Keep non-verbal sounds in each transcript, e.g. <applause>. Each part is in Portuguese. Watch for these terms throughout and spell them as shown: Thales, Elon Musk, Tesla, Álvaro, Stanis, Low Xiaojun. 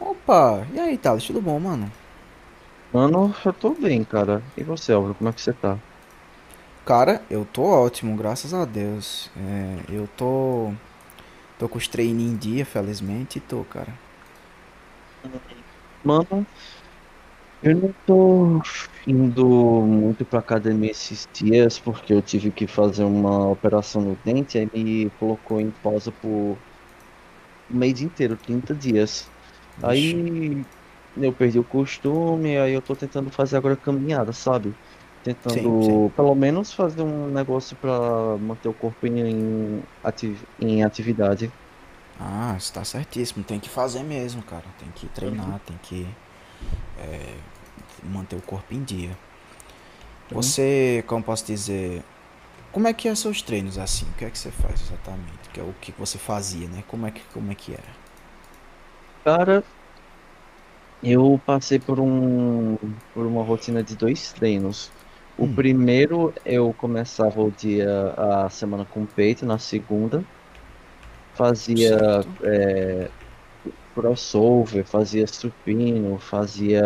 Opa, e aí, Thales? Tudo bom, mano? Mano, eu tô bem, cara. E você, Álvaro, como é que você tá? Cara, eu tô ótimo, graças a Deus. Tô com os treinos em dia, felizmente, e tô, cara. Mano, eu não tô indo muito pra academia esses dias porque eu tive que fazer uma operação no dente, aí me colocou em pausa por um mês inteiro, 30 dias. Vixe. Aí eu perdi o costume, aí eu tô tentando fazer agora caminhada, sabe? Sim, sim. Tentando pelo menos fazer um negócio pra manter o corpo em atividade. Ah, você tá certíssimo. Tem que fazer mesmo, cara. Tem que Uhum, treinar, tem que manter o corpo em dia. uhum. Você, como posso dizer, como é que é seus treinos assim? O que é que você faz exatamente? Que é o que você fazia, né? Como é que era? Cara, eu passei por uma rotina de dois treinos. O primeiro, eu começava o dia, a semana com peito, na segunda, fazia Certo. crossover, fazia supino, fazia,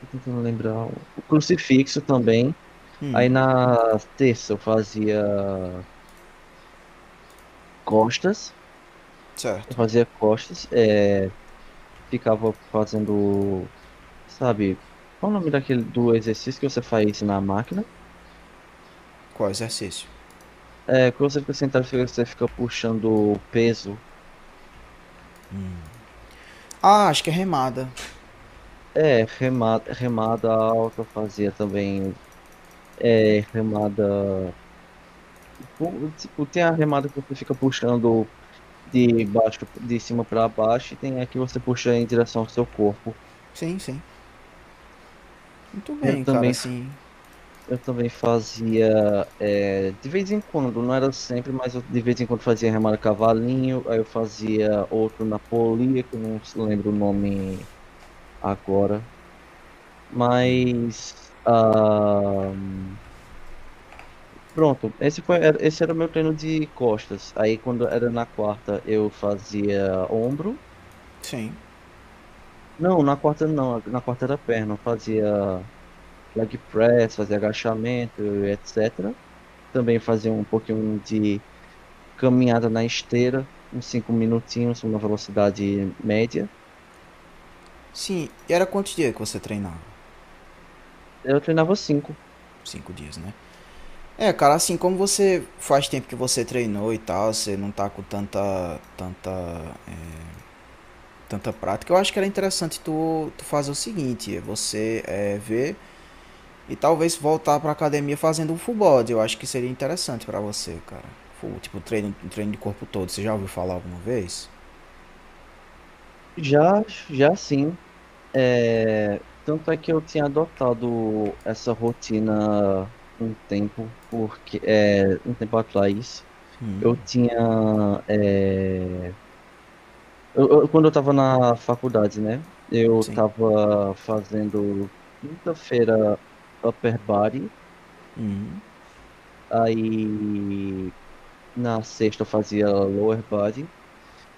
tô tentando lembrar, o crucifixo também. Aí Hum, na terça costas, eu certo. fazia costas, é, ficava fazendo, sabe, qual o nome daquele, do exercício que você faz na máquina? Qual exercício? É, quando você fica sentado, você fica puxando o peso. Ah, acho que é remada. É, remada, remada alta eu fazia também. É, remada. Tipo, tem a remada que você fica puxando de baixo, de cima para baixo, e tem a que você puxa em direção ao seu corpo. Sim, sim. Muito Eu bem, cara, também, f- assim, eu também fazia, é, de vez em quando, não era sempre, mas eu de vez em quando fazia remada cavalinho, aí eu fazia outro na polia, que eu não se lembro o nome agora, mas. Pronto, esse era o meu treino de costas. Aí quando era na quarta eu fazia ombro. sim. Não, na quarta não, na quarta era perna. Eu fazia leg press, fazia agachamento, etc. Também fazia um pouquinho de caminhada na esteira, uns 5 minutinhos, uma velocidade média. Sim, e era quantos dias que você treinava? Eu treinava cinco. Cinco dias, né? É, cara, assim, como você faz tempo que você treinou e tal, você não tá com tanta, é, tanta prática, eu acho que era interessante tu fazer o seguinte, ver e talvez voltar pra academia fazendo um full body, eu acho que seria interessante pra você, cara. Full, tipo, treino de corpo todo, você já ouviu falar alguma vez? Já, já sim. É, tanto é que eu tinha adotado essa rotina um tempo, porque é, um tempo atrás eu Hum, tinha é, quando eu estava na faculdade, né? Eu sim. estava fazendo quinta-feira upper body, Hum. aí na sexta eu fazia lower body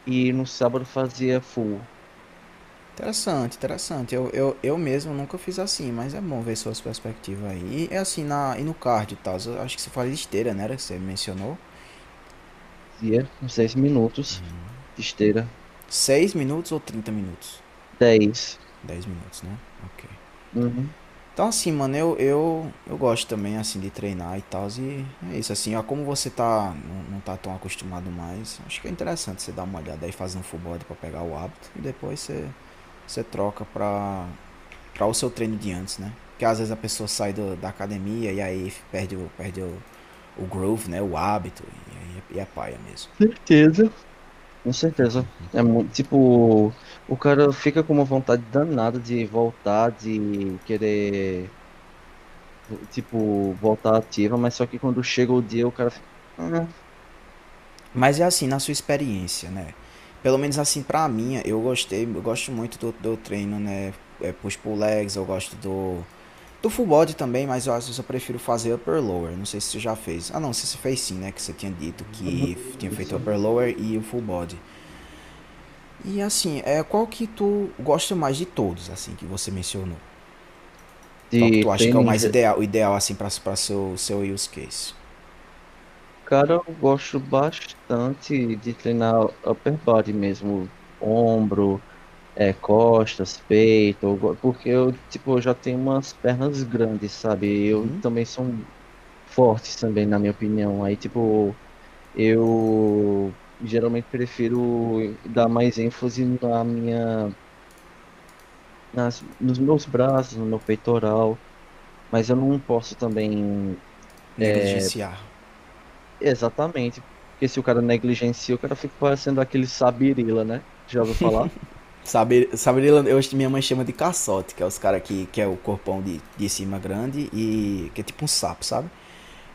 e no sábado eu fazia full, Interessante, interessante. Eu mesmo nunca fiz assim, mas é bom ver suas perspectivas aí. E é assim, na, e no card e tal, eu acho que você fala de esteira, né? Era que você mencionou. dia, uns 10 minutos de esteira, 6 minutos ou 30 minutos? dez. 10 minutos, né? Ok. Uhum. Então assim, mano, eu gosto também, assim, de treinar e tal, e é isso, assim, ó, como você tá, não, não tá tão acostumado mais, acho que é interessante você dar uma olhada aí, fazer um full body pra pegar o hábito, e depois você, você troca pra, para o seu treino de antes, né? Porque às vezes a pessoa sai do, da academia e aí perde o, perde o groove, né? O hábito e, aí é paia mesmo. <laughs> Com certeza. É muito, tipo, o cara fica com uma vontade danada de voltar, de querer, tipo, voltar ativa, mas só que quando chega o dia, o cara fica, ah. Mas é assim, na sua experiência, né? Pelo menos assim pra mim, eu gostei, eu gosto muito do, do treino, né? É, push pull legs, eu gosto do full body também, mas eu às vezes eu prefiro fazer upper lower. Não sei se você já fez. Ah, não, se você fez sim, né? Que você tinha dito Uhum, que tinha feito isso. upper lower e o full body. E assim, é qual que tu gosta mais de todos, assim, que você mencionou? De Qual que tu acha que é treino, o mais ideal, o ideal assim para seu use case? cara, eu gosto bastante de treinar upper body mesmo, ombro, é, costas, peito, porque eu, tipo, eu já tenho umas pernas grandes, sabe? Eu Uhum. também sou fortes também, na minha opinião. Aí, tipo, eu geralmente prefiro dar mais ênfase na minha, nas, nos meus braços, no meu peitoral, mas eu não posso também Negligenciar. exatamente, porque se o cara negligencia, o cara fica parecendo aquele sabirila, né? Já ouviu falar? Saber, saber, eu, minha mãe chama de caçote, que é os caras que é o corpão de cima grande e que é tipo um sapo, sabe?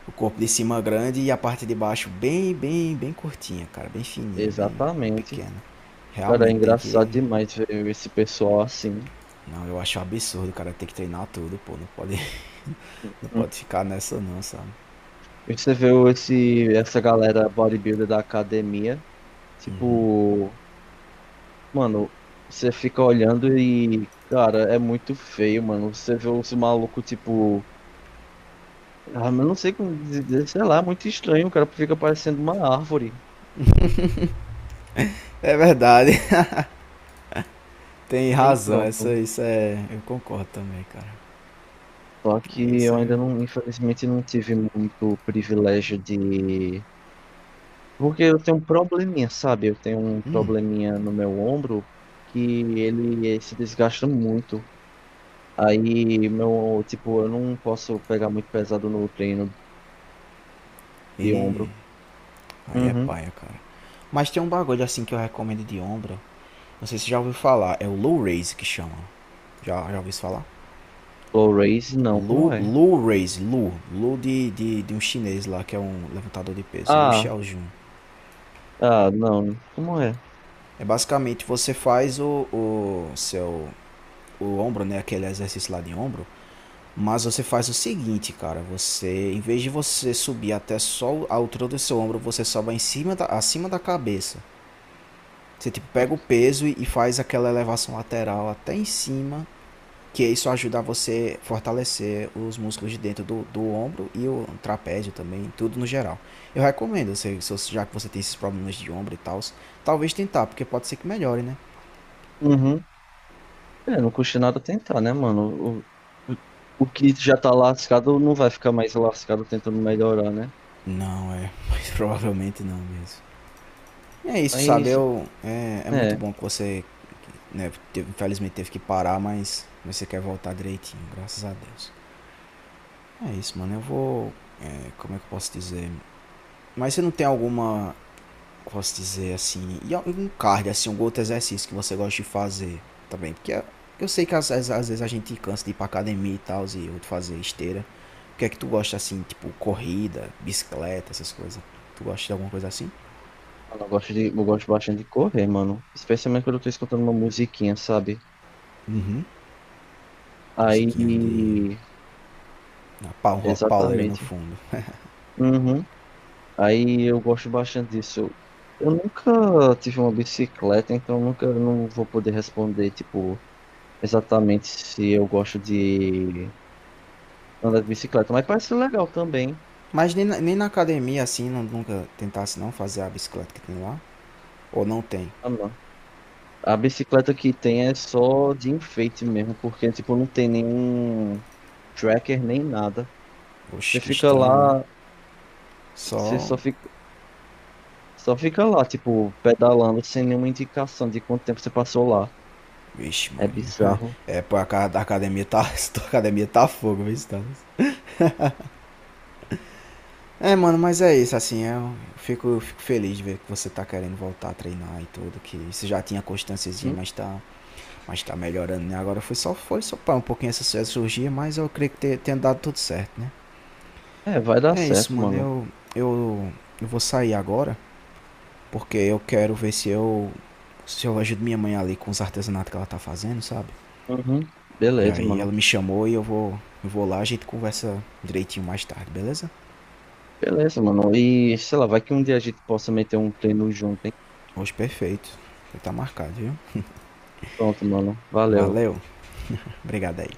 O corpo de cima grande e a parte de baixo bem curtinha, cara, bem fininha, bem, bem Exatamente. pequena. Cara, é Realmente tem engraçado que demais ver esse pessoal assim. não, eu acho um absurdo, cara, ter que treinar tudo, pô, não pode, <laughs> não Uhum. pode ficar nessa não, sabe? E você vê esse, essa galera bodybuilder da academia, Uhum. tipo, mano, você fica olhando e, cara, é muito feio, mano. Você vê os malucos, tipo. Ah, mas não sei como dizer, sei lá, é muito estranho. O cara fica parecendo uma árvore. É verdade, <laughs> tem Aí razão, essa, pronto. isso é, eu concordo também, cara. Só É que isso eu aí. ainda não, infelizmente, não tive muito privilégio de. Porque eu tenho um probleminha, sabe? Eu tenho um Hum, probleminha no meu ombro que ele se desgasta muito. Aí, meu, tipo, eu não posso pegar muito pesado no treino de e ombro. aí é Uhum. paia, cara. Mas tem um bagulho assim que eu recomendo de ombro. Não sei se você já ouviu falar, é o low raise que chama. Já, já ouviu falar? Blu-rays, não, Low, como é? low raise, low. Low de um chinês lá que é um levantador de peso, low Ah, Xiaojun. ah, não, como é? É basicamente você faz o seu o ombro, né, aquele exercício lá de ombro, mas você faz o seguinte, cara, você em vez de você subir até só a altura do seu ombro, você sobe em cima da, acima da cabeça. Você tipo pega o peso e faz aquela elevação lateral até em cima, que isso ajuda você a fortalecer os músculos de dentro do, do ombro e o trapézio também, tudo no geral. Eu recomendo, se, já que você tem esses problemas de ombro e tal, talvez tentar, porque pode ser que melhore, né? Uhum. É, não custa nada tentar, né, mano? O, o, o que já tá lascado não vai ficar mais lascado tentando melhorar, né? Não, é, <laughs> mas provavelmente não mesmo. É isso, sabe? Mas, Eu, é, é muito é, bom que você, né, teve- infelizmente teve que parar, mas você quer voltar direitinho, graças a Deus. É isso, mano. Eu vou. É, como é que eu posso dizer? Mas você não tem alguma, posso dizer assim, e algum cardio, assim, algum outro exercício que você gosta de fazer também? Porque eu- sei que às, às- às vezes a gente cansa de ir pra academia e tal, e eu de fazer esteira. O que é que tu gosta assim, tipo corrida, bicicleta, essas coisas? Tu gosta de alguma coisa assim? mano, eu gosto de, eu gosto bastante de correr, mano. Especialmente quando eu tô escutando uma musiquinha, sabe? Uhum. Musiquinha de. Aí, Uma pau- um rock pauleira no exatamente. fundo. Uhum. Aí eu gosto bastante disso. Eu nunca tive uma bicicleta, então eu não vou poder responder, tipo, exatamente se eu gosto de andar de bicicleta, mas parece legal também. Mas nem na academia assim, não, nunca tentasse não fazer a bicicleta que tem lá? Ou não tem? Ah, não. A bicicleta que tem é só de enfeite mesmo, porque tipo não tem nenhum tracker nem nada. Você Oxe, que fica lá, estranho, né? você Só. só fica lá, tipo, pedalando sem nenhuma indicação de quanto tempo você passou lá. Vixe, É Maria. bizarro. É, pô, a, ca- a academia tá. <laughs> A academia tá fogo, viu, Stanis? É, mano, mas é isso, assim, eu fico feliz de ver que você tá querendo voltar a treinar e tudo, que você já tinha constânciazinha, Uhum. mas tá melhorando, né? Agora foi só pra um pouquinho essa essa cirurgia, mas eu creio que te- tenha dado tudo certo, né? É, vai dar É isso, certo, mano, mano. Eu, eu vou sair agora, porque eu quero ver se eu ajudo minha mãe ali com os artesanatos que ela tá fazendo, sabe? Uhum. E Beleza, aí mano. ela me chamou e eu vou lá, a gente conversa direitinho mais tarde, beleza? Beleza, mano. E sei lá, vai que um dia a gente possa meter um treino junto, hein? Hoje perfeito. Ele tá marcado, viu? Pronto, mano. Valeu. Valeu. Obrigado aí.